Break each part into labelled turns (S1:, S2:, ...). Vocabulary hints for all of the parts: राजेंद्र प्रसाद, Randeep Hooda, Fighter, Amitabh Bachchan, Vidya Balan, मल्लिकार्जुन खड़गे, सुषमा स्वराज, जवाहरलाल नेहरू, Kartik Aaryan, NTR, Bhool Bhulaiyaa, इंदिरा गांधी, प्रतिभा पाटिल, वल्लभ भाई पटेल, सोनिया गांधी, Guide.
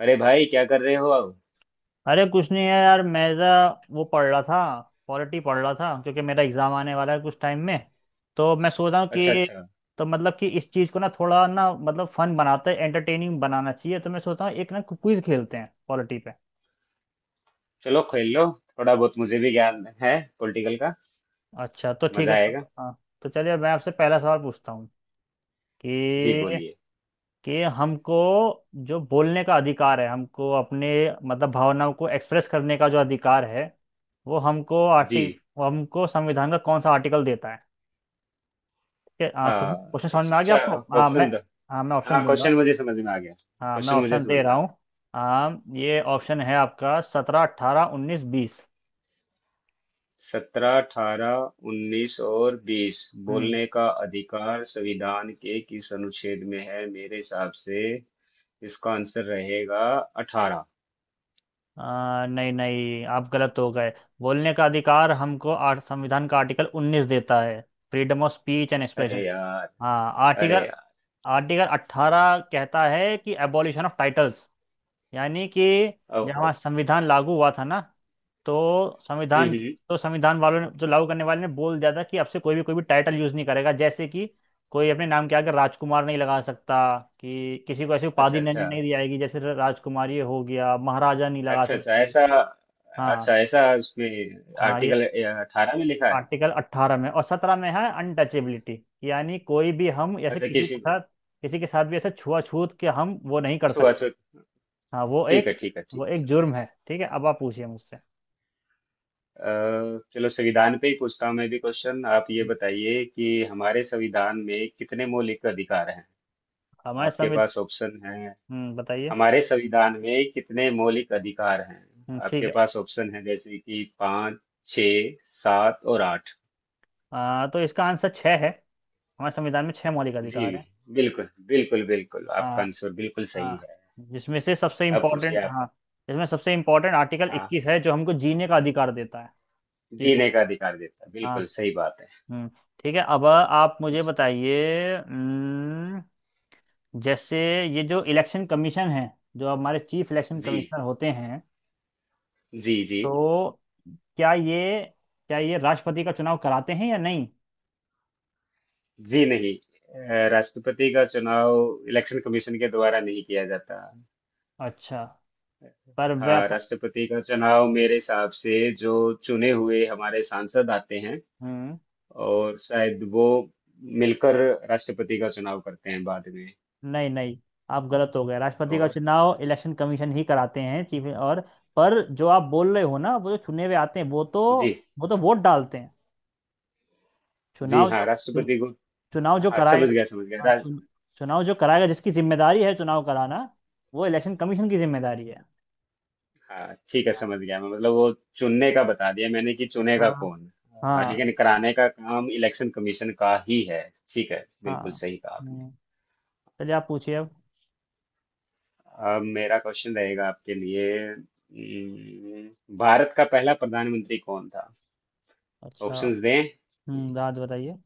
S1: अरे भाई क्या कर रहे हो अब?
S2: अरे कुछ नहीं है यार, मैं ज़रा वो पढ़ रहा था। पॉलिटी पढ़ रहा था क्योंकि मेरा एग्ज़ाम आने वाला है कुछ टाइम में। तो मैं सोच रहा हूँ
S1: अच्छा
S2: कि
S1: अच्छा।
S2: तो मतलब कि इस चीज़ को ना थोड़ा ना मतलब फन बनाते हैं, एंटरटेनिंग बनाना चाहिए। तो मैं सोचता हूँ एक ना क्विज खेलते हैं पॉलिटी पे।
S1: चलो खेल लो। थोड़ा बहुत मुझे भी ज्ञान है पॉलिटिकल का।
S2: अच्छा तो ठीक
S1: मजा
S2: है, तो
S1: आएगा।
S2: हाँ, तो चलिए मैं आपसे पहला सवाल पूछता हूँ
S1: जी
S2: कि
S1: बोलिए।
S2: कि हमको जो बोलने का अधिकार है, हमको अपने मतलब भावनाओं को एक्सप्रेस करने का जो अधिकार है, वो हमको
S1: जी।
S2: आर्टिक वो हमको संविधान का कौन सा आर्टिकल देता है? क्या कुछ क्वेश्चन
S1: हाँ,
S2: समझ में आ गया
S1: इसका
S2: आपको? मैं।
S1: ऑप्शन दो।
S2: हाँ मैं ऑप्शन
S1: हाँ,
S2: दूंगा।
S1: क्वेश्चन मुझे समझ में आ गया।
S2: हाँ मैं
S1: क्वेश्चन मुझे
S2: ऑप्शन
S1: समझ
S2: दे
S1: में
S2: रहा
S1: आ
S2: हूँ।
S1: गया।
S2: हाँ ये ऑप्शन है आपका, सत्रह अट्ठारह उन्नीस बीस।
S1: 17, 18, 19 और 20।
S2: हम्म
S1: बोलने का अधिकार संविधान के किस अनुच्छेद में है, मेरे हिसाब से इसका आंसर रहेगा 18।
S2: नहीं नहीं, आप गलत हो गए। बोलने का अधिकार हमको संविधान का आर्टिकल उन्नीस देता है, फ्रीडम ऑफ स्पीच एंड
S1: अरे
S2: एक्सप्रेशन।
S1: यार।
S2: हाँ
S1: अरे
S2: आर्टिकल,
S1: यार।
S2: आर्टिकल अट्ठारह कहता है कि एबॉलिशन ऑफ टाइटल्स, यानी कि जब
S1: ओहो।
S2: हमारा संविधान लागू हुआ था ना, तो संविधान,
S1: हम्म हम्म,
S2: तो संविधान वालों ने जो लागू करने वाले ने बोल दिया था कि अब से कोई भी टाइटल यूज नहीं करेगा, जैसे कि कोई अपने नाम के आगे राजकुमार नहीं लगा सकता, कि किसी को ऐसी
S1: अच्छा
S2: उपाधि
S1: अच्छा।
S2: नहीं, नहीं दी जाएगी, जैसे राजकुमार ये हो गया, महाराजा नहीं लगा
S1: अच्छा अच्छा
S2: सकते।
S1: ऐसा।
S2: हाँ,
S1: अच्छा ऐसा उसमें
S2: हाँ ये
S1: आर्टिकल 18 में लिखा है।
S2: आर्टिकल 18 में और 17 में है अनटचेबिलिटी, यानी कोई भी हम ऐसे
S1: अच्छा
S2: किसी के
S1: किसी
S2: साथ, किसी के साथ भी ऐसे छुआछूत के हम वो नहीं कर
S1: छो
S2: सकते।
S1: अच्छा।
S2: हाँ वो
S1: ठीक है
S2: एक,
S1: ठीक है ठीक
S2: वो
S1: है
S2: एक
S1: सर।
S2: जुर्म है। ठीक है, अब आप पूछिए मुझसे।
S1: चलो संविधान पे ही पूछता हूँ मैं भी क्वेश्चन। आप ये बताइए कि हमारे संविधान में कितने मौलिक अधिकार हैं।
S2: हमारे
S1: आपके
S2: संविधान।
S1: पास ऑप्शन है।
S2: बताइए।
S1: हमारे संविधान में कितने मौलिक अधिकार हैं?
S2: ठीक
S1: आपके
S2: है।
S1: पास ऑप्शन है जैसे कि पाँच, छ, सात और आठ।
S2: तो इसका आंसर छः है, हमारे संविधान में छः मौलिक
S1: जी।
S2: अधिकार है।
S1: बिल्कुल बिल्कुल बिल्कुल, आपका
S2: आ,
S1: आंसर बिल्कुल
S2: आ,
S1: सही है।
S2: जिसमें से सबसे
S1: अब पूछिए
S2: इम्पोर्टेंट,
S1: आप।
S2: हाँ, जिसमें सबसे इम्पोर्टेंट आर्टिकल
S1: हाँ।
S2: इक्कीस है, जो हमको जीने का अधिकार देता है। ठीक है।
S1: जीने का अधिकार देता है,
S2: हाँ।
S1: बिल्कुल सही बात है।
S2: हम्म। ठीक है, अब आप मुझे
S1: पूछिए।
S2: बताइए। जैसे ये जो इलेक्शन कमीशन है, जो हमारे चीफ इलेक्शन
S1: जी
S2: कमिश्नर होते हैं,
S1: जी जी
S2: तो क्या ये, क्या ये राष्ट्रपति का चुनाव कराते हैं या नहीं?
S1: जी नहीं, राष्ट्रपति का चुनाव इलेक्शन कमीशन के द्वारा नहीं किया जाता।
S2: अच्छा, पर वह।
S1: हाँ, राष्ट्रपति का चुनाव मेरे हिसाब से जो चुने हुए हमारे सांसद आते हैं
S2: हम्म।
S1: और शायद वो मिलकर राष्ट्रपति का चुनाव करते हैं बाद में।
S2: नहीं नहीं, आप गलत हो गए, राष्ट्रपति का
S1: और।
S2: चुनाव इलेक्शन कमीशन ही कराते हैं, चीफ। और पर जो आप बोल रहे हो ना, वो जो चुने हुए आते हैं वो तो,
S1: जी
S2: वो तो वोट डालते हैं।
S1: जी।
S2: चुनाव जो
S1: हाँ,
S2: चुन,
S1: राष्ट्रपति को।
S2: चुनाव जो
S1: हाँ, समझ
S2: कराएगा,
S1: गया समझ
S2: हाँ,
S1: गया।
S2: चुनाव जो कराएगा, जिसकी जिम्मेदारी है चुनाव कराना, वो इलेक्शन कमीशन की जिम्मेदारी है।
S1: हाँ, ठीक है,
S2: हाँ,
S1: समझ गया मैं, मतलब वो चुनने का बता दिया मैंने कि चुनेगा
S2: हाँ,
S1: कौन। हाँ,
S2: हाँ,
S1: लेकिन कराने का काम इलेक्शन कमीशन का ही है। ठीक है, बिल्कुल
S2: हाँ,
S1: सही कहा आपने।
S2: हम्म, चलिए आप पूछिए अब।
S1: अब मेरा क्वेश्चन रहेगा आपके लिए। भारत का पहला प्रधानमंत्री कौन था?
S2: अच्छा।
S1: ऑप्शंस दें।
S2: राज बताइए।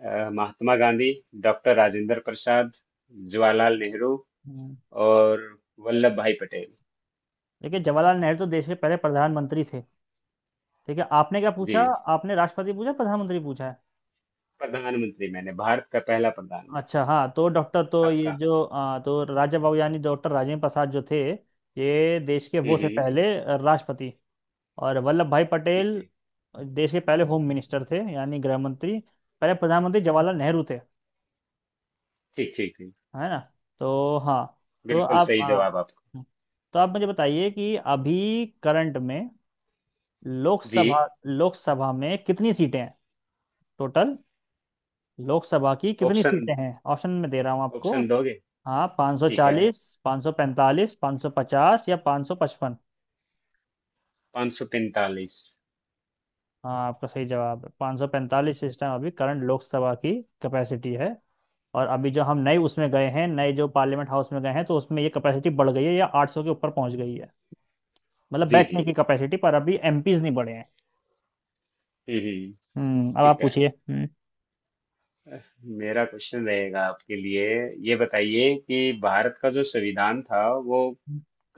S1: महात्मा गांधी, डॉक्टर राजेंद्र प्रसाद, जवाहरलाल नेहरू
S2: हम्म,
S1: और वल्लभ भाई पटेल।
S2: देखिए जवाहरलाल नेहरू तो देश के पहले प्रधानमंत्री थे। ठीक है, आपने क्या
S1: जी।
S2: पूछा? आपने राष्ट्रपति पूछा, प्रधानमंत्री पूछा?
S1: प्रधानमंत्री मैंने, भारत का पहला
S2: अच्छा
S1: प्रधानमंत्री।
S2: हाँ, तो डॉक्टर तो ये
S1: आपका।
S2: जो तो राजा बाबू यानी डॉक्टर राजेंद्र प्रसाद जो थे, ये देश के
S1: हम्म
S2: वो थे
S1: हम्म,
S2: पहले राष्ट्रपति। और वल्लभ भाई
S1: ठीक
S2: पटेल
S1: ठीक।
S2: देश के पहले होम मिनिस्टर थे, यानी गृह मंत्री। पहले प्रधानमंत्री जवाहरलाल नेहरू थे,
S1: ठीक ठीक ठीक।
S2: है ना? तो हाँ, तो
S1: बिल्कुल
S2: आप
S1: सही जवाब आप।
S2: तो आप मुझे बताइए कि अभी करंट में
S1: जी।
S2: लोकसभा, लोकसभा में कितनी सीटें हैं? टोटल लोकसभा की कितनी
S1: ऑप्शन
S2: सीटें हैं? ऑप्शन में दे रहा हूँ आपको,
S1: ऑप्शन दोगे?
S2: हाँ, पाँच सौ
S1: ठीक है।
S2: चालीस, पाँच सौ पैंतालीस, पाँच सौ पचास, या पाँच सौ पचपन।
S1: 543।
S2: हाँ आपका सही जवाब है, पाँच सौ पैंतालीस इस टाइम अभी करंट लोकसभा की कैपेसिटी है। और अभी जो हम नए उसमें गए हैं, नए जो पार्लियामेंट हाउस में गए हैं, तो उसमें ये कैपेसिटी बढ़ गई है, या आठ सौ के ऊपर पहुंच गई है, मतलब
S1: जी जी।
S2: बैठने की कैपेसिटी, पर अभी एमपीज नहीं बढ़े हैं।
S1: हम्म हम्म,
S2: हम्म, अब आप
S1: ठीक है।
S2: पूछिए। हम्म।
S1: मेरा क्वेश्चन रहेगा आपके लिए। ये बताइए कि भारत का जो संविधान था वो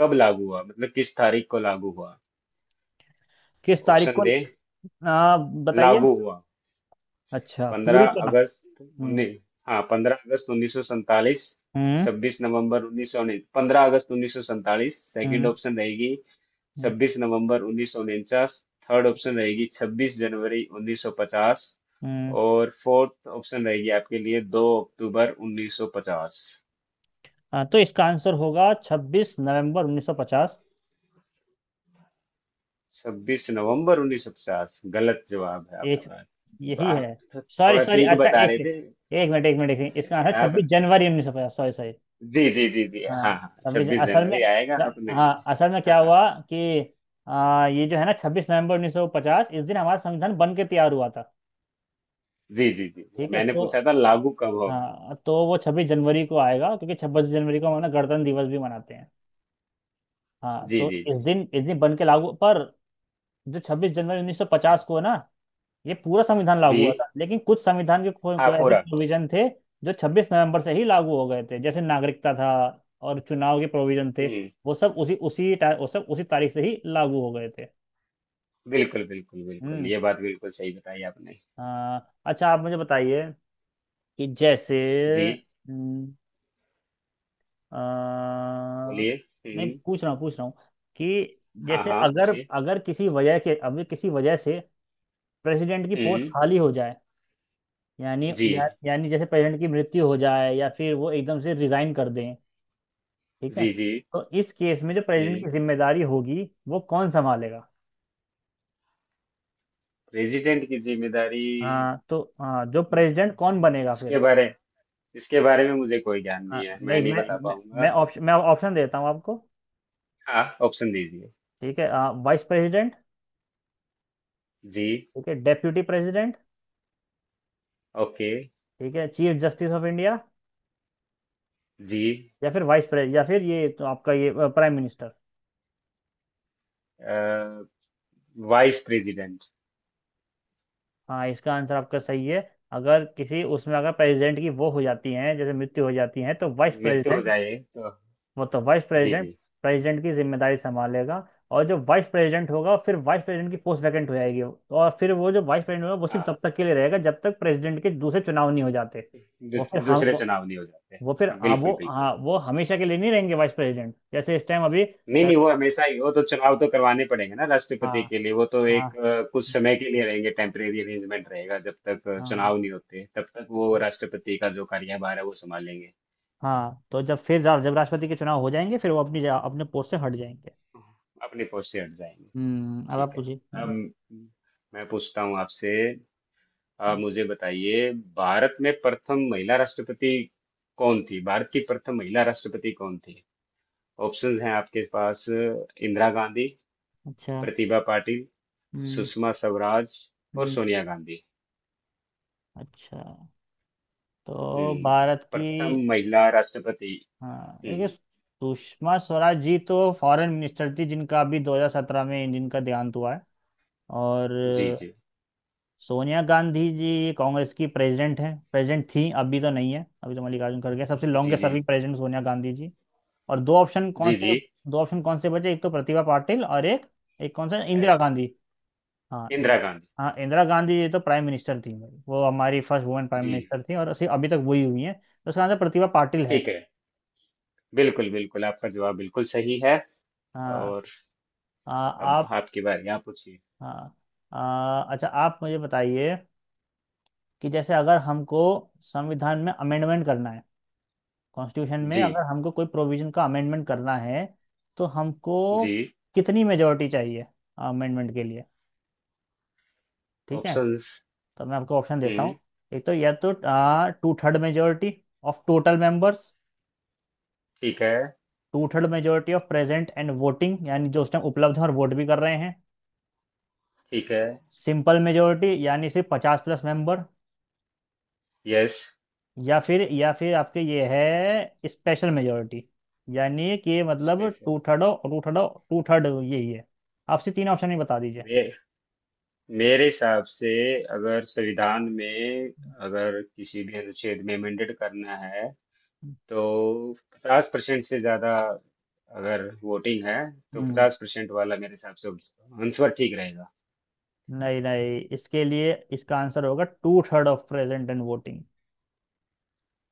S1: कब लागू हुआ, मतलब किस तारीख को लागू हुआ।
S2: किस तारीख
S1: ऑप्शन
S2: को?
S1: दे,
S2: बताइए।
S1: लागू हुआ।
S2: अच्छा,
S1: 15
S2: पूरी तरह।
S1: अगस्त
S2: हम्म।
S1: उन्नीस। हाँ, 15 अगस्त 1947।
S2: हम्म।
S1: 26 नवंबर 1919, 15 अगस्त 1947 सेकंड
S2: हम्म।
S1: ऑप्शन रहेगी।
S2: हम्म।
S1: 26 नवंबर 1949। थर्ड ऑप्शन रहेगी 26 जनवरी 1950।
S2: हम्म।
S1: और फोर्थ ऑप्शन रहेगी आपके लिए 2 अक्टूबर 1950।
S2: तो इसका आंसर होगा छब्बीस नवंबर उन्नीस सौ पचास।
S1: 26 नवंबर 1950 गलत जवाब है
S2: एक,
S1: आपका।
S2: यही
S1: तो आप
S2: है? सॉरी
S1: थोड़ा
S2: सॉरी,
S1: ठीक
S2: अच्छा
S1: बता
S2: एक
S1: रहे थे।
S2: सेकंड, एक मिनट, एक मिनट, एक मिनट, इसका आंसर
S1: आप।
S2: छब्बीस जनवरी उन्नीस सौ पचास, सॉरी सॉरी।
S1: जी जी जी जी,
S2: हाँ
S1: हाँ हाँ,
S2: छब्बीस,
S1: छब्बीस
S2: असल में,
S1: जनवरी आएगा आपने।
S2: हाँ असल में
S1: हाँ
S2: क्या
S1: हाँ।
S2: हुआ कि ये जो है ना, छब्बीस नवंबर उन्नीस सौ पचास, इस दिन हमारा संविधान बन के तैयार हुआ था।
S1: जी जी जी जी,
S2: ठीक है,
S1: मैंने
S2: तो
S1: पूछा था लागू कब होगा।
S2: हाँ तो वो छब्बीस जनवरी को आएगा क्योंकि छब्बीस जनवरी को हम ना गणतंत्र दिवस भी मनाते हैं। हाँ,
S1: जी
S2: तो
S1: जी
S2: इस
S1: जी।
S2: दिन, इस दिन बन के लागू। पर जो छब्बीस जनवरी उन्नीस सौ पचास को है ना, ये पूरा संविधान
S1: जी।
S2: लागू हुआ था, लेकिन कुछ संविधान के
S1: हाँ
S2: को ऐसे
S1: पूरा।
S2: प्रोविजन थे जो 26 नवंबर से ही लागू हो गए थे, जैसे नागरिकता था और चुनाव के प्रोविजन थे।
S1: हम्म।
S2: वो सब उसी उसी वो सब उसी तारीख से ही लागू हो गए थे।
S1: बिल्कुल बिल्कुल बिल्कुल,
S2: हम्म।
S1: ये बात बिल्कुल सही बताई आपने।
S2: हाँ, अच्छा आप मुझे बताइए कि जैसे।
S1: जी,
S2: हम्म, अ,
S1: बोलिए।
S2: नहीं,
S1: हुँ,
S2: पूछ रहा हूँ, पूछ रहा हूँ कि
S1: हाँ,
S2: जैसे
S1: हाँ,
S2: अगर,
S1: पूछिए।
S2: अगर किसी वजह के अभी किसी वजह से प्रेसिडेंट की पोस्ट
S1: हुँ,
S2: खाली हो जाए, यानी
S1: जी,
S2: यानी जैसे प्रेसिडेंट की मृत्यु हो जाए या फिर वो एकदम से रिजाइन कर दें, ठीक है,
S1: जी, जी।
S2: तो इस केस में जो प्रेसिडेंट
S1: हुँ,
S2: की जिम्मेदारी होगी वो कौन संभालेगा?
S1: प्रेज़िडेंट की ज़िम्मेदारी।
S2: हाँ तो हाँ, जो प्रेसिडेंट कौन
S1: हुँ,
S2: बनेगा फिर?
S1: इसके बारे इसके बारे में मुझे कोई ज्ञान
S2: हाँ
S1: नहीं है, मैं
S2: नहीं,
S1: नहीं बता
S2: मैं मैं
S1: पाऊँगा।
S2: ऑप्शन, मैं ऑप्शन देता हूँ आपको,
S1: आप ऑप्शन दीजिए।
S2: ठीक है, हाँ, वाइस प्रेसिडेंट,
S1: जी,
S2: ठीक है, डेप्यूटी प्रेसिडेंट,
S1: ओके,
S2: ठीक है, चीफ जस्टिस ऑफ इंडिया,
S1: जी,
S2: या फिर वाइस प्रेसिडेंट, या फिर ये तो आपका ये प्राइम मिनिस्टर।
S1: अ, वाइस प्रेज़िडेंट।
S2: हाँ, इसका आंसर आपका सही है। अगर किसी उसमें अगर प्रेसिडेंट की वो हो जाती है, जैसे मृत्यु हो जाती है, तो वाइस
S1: मृत्यु हो
S2: प्रेसिडेंट,
S1: जाए तो
S2: मतलब वाइस
S1: जी,
S2: प्रेसिडेंट
S1: जी,
S2: प्रेसिडेंट की जिम्मेदारी संभालेगा। और जो वाइस प्रेसिडेंट होगा, फिर वाइस प्रेसिडेंट की पोस्ट वैकेंट हो जाएगी, और फिर वो जो वाइस प्रेसिडेंट होगा वो सिर्फ
S1: हाँ,
S2: तब तक के लिए रहेगा जब तक प्रेसिडेंट के दूसरे चुनाव नहीं हो जाते।
S1: दू
S2: वो फिर हम
S1: दूसरे चुनाव नहीं हो जाते।
S2: वो फिर
S1: हाँ, बिल्कुल,
S2: वो
S1: बिल्कुल।
S2: हाँ, वो हमेशा के लिए नहीं रहेंगे वाइस प्रेसिडेंट, जैसे इस टाइम अभी
S1: नहीं नहीं, वो हमेशा ही, वो तो चुनाव तो करवाने पड़ेंगे ना
S2: हाँ,
S1: राष्ट्रपति के लिए, वो तो एक
S2: हाँ,
S1: कुछ समय के लिए रहेंगे, टेम्परेरी अरेंजमेंट रहेगा जब तक
S2: हाँ,
S1: चुनाव नहीं होते तब तक वो राष्ट्रपति का जो कार्यभार है वो संभालेंगे।
S2: हाँ, तो जब फिर जब राष्ट्रपति के चुनाव हो जाएंगे, फिर वो अपने पोस्ट से हट जाएंगे।
S1: अपने पोस्ट से हट जाएंगे।
S2: हम्म, अब आप
S1: ठीक है।
S2: पूछिए।
S1: अब
S2: हम्म।
S1: मैं पूछता हूँ आपसे, आप
S2: हम्म।
S1: मुझे बताइए, भारत में प्रथम महिला राष्ट्रपति कौन थी? भारत की प्रथम महिला राष्ट्रपति कौन थी? ऑप्शंस हैं आपके पास, इंदिरा गांधी,
S2: अच्छा।
S1: प्रतिभा पाटिल,
S2: हम्म।
S1: सुषमा स्वराज और
S2: हम्म।
S1: सोनिया गांधी।
S2: अच्छा, तो भारत की।
S1: प्रथम महिला राष्ट्रपति।
S2: हाँ देखिए,
S1: हम्म,
S2: सुषमा स्वराज जी तो फॉरेन मिनिस्टर थी, जिनका अभी 2017 में जिनका देहांत हुआ है। और
S1: जी जी।
S2: सोनिया गांधी जी कांग्रेस की प्रेसिडेंट हैं, प्रेसिडेंट थी, अभी तो नहीं है, अभी तो मल्लिकार्जुन खड़गे हैं। सबसे
S1: जी
S2: लॉन्गेस्ट
S1: जी।
S2: Serving president सोनिया गांधी ji. और दो ऑप्शन कौन
S1: जी
S2: से,
S1: जी।
S2: दो ऑप्शन कौन से बचे? एक तो प्रतिभा पाटिल, और एक, एक कौन सा?
S1: ए,
S2: इंदिरा गांधी। हाँ
S1: इंदिरा गांधी
S2: हाँ इंदिरा गांधी जी तो प्राइम मिनिस्टर थी भाई, वो हमारी फर्स्ट वुमेन प्राइम
S1: जी।
S2: मिनिस्टर थी और अभी तक वही हुई हैं, तो उसका आंसर प्रतिभा पाटिल है।
S1: ठीक है। बिल्कुल बिल्कुल आपका जवाब बिल्कुल सही है।
S2: हाँ।
S1: और, अब
S2: आप।
S1: आपकी बारी, आप पूछिए।
S2: हाँ अच्छा आप मुझे बताइए कि जैसे अगर हमको संविधान में अमेंडमेंट करना है, कॉन्स्टिट्यूशन में
S1: जी।
S2: अगर हमको कोई प्रोविजन का अमेंडमेंट करना है, तो हमको
S1: जी।
S2: कितनी मेजोरिटी चाहिए अमेंडमेंट के लिए? ठीक है,
S1: ऑप्शंस।
S2: तो मैं आपको ऑप्शन देता हूँ,
S1: हम्म।
S2: एक तो, या तो to third majority of total members,
S1: ठीक है।
S2: Two third majority of present and voting, यानी जो उस टाइम उपलब्ध हैं और वोट भी कर रहे हैं,
S1: ठीक है।
S2: सिंपल मेजोरिटी, यानी सिर्फ पचास प्लस मेंबर,
S1: यस।
S2: या फिर, या फिर आपके ये है स्पेशल मेजोरिटी, यानी कि मतलब
S1: special.
S2: Two third. Two third, two third यही है, आपसे तीन ऑप्शन ही बता दीजिए।
S1: मे, मेरे हिसाब से, अगर संविधान में, अगर किसी भी अनुच्छेद में अमेंडेड करना है, तो 50% से ज्यादा, अगर वोटिंग है, तो
S2: हम्म,
S1: 50% वाला मेरे हिसाब से आंसर ठीक रहेगा।
S2: नहीं नहीं, इसके लिए इसका आंसर होगा two third of present and voting.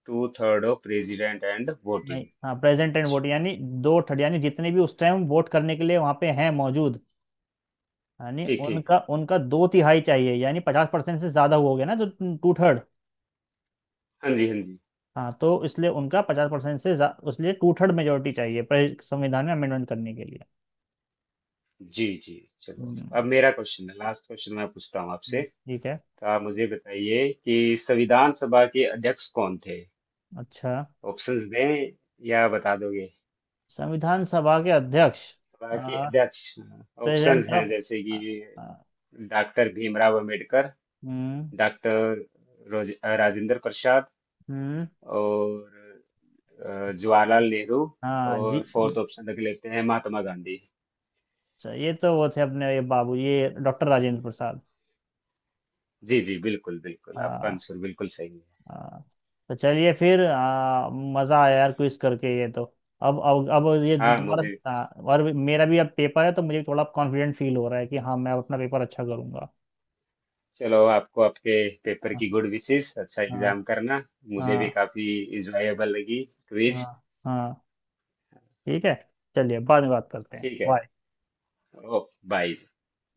S1: Two third of president and
S2: नहीं,
S1: वोटिंग।
S2: हाँ प्रेजेंट एंड वोट,
S1: अच्छा,
S2: यानी दो थर्ड, यानी जितने भी उस टाइम वोट करने के लिए वहां पे हैं मौजूद, यानी
S1: ठीक ठीक।
S2: उनका, उनका दो तिहाई चाहिए, यानी पचास परसेंट से ज्यादा हो गया ना जो टू थर्ड।
S1: हाँ जी, हाँ जी।
S2: हाँ तो इसलिए उनका पचास परसेंट से उसलिए टू थर्ड मेजोरिटी चाहिए संविधान में अमेंडमेंट करने के लिए।
S1: जी जी, चलो
S2: हम्म,
S1: अब मेरा क्वेश्चन है। लास्ट क्वेश्चन मैं पूछता हूँ आपसे।
S2: ठीक है।
S1: तो आप मुझे बताइए कि संविधान सभा के अध्यक्ष कौन थे?
S2: अच्छा,
S1: ऑप्शंस दें या बता दोगे?
S2: संविधान सभा के अध्यक्ष,
S1: सभा के अध्यक्ष। ऑप्शंस
S2: प्रेसिडेंट
S1: हैं
S2: ऑफ।
S1: जैसे कि डॉक्टर भीमराव अंबेडकर,
S2: हम्म।
S1: डॉक्टर राजेंद्र प्रसाद
S2: हम्म।
S1: और जवाहरलाल नेहरू।
S2: हाँ जी,
S1: और
S2: अच्छा,
S1: फोर्थ ऑप्शन रख लेते हैं महात्मा गांधी।
S2: ये तो वो थे, अपने ये बाबू, ये डॉक्टर राजेंद्र प्रसाद।
S1: जी जी, बिल्कुल बिल्कुल आपका
S2: हाँ।
S1: आंसर बिल्कुल सही है।
S2: हाँ, तो चलिए फिर मजा आया यार क्विज करके ये तो। अब ये
S1: हाँ,
S2: दोबारा से,
S1: मुझे,
S2: हाँ, और मेरा भी अब पेपर है तो मुझे थोड़ा कॉन्फिडेंट फील हो रहा है कि हाँ मैं अपना पेपर अच्छा करूंगा।
S1: चलो आपको आपके पेपर
S2: हाँ,
S1: की गुड विशेस, अच्छा
S2: हाँ,
S1: एग्जाम करना। मुझे भी
S2: हाँ,
S1: काफी इंजॉयबल लगी क्विज।
S2: हाँ, हाँ, ठीक है, चलिए बाद में बात करते हैं,
S1: ठीक है,
S2: बाय।
S1: Okay, bye.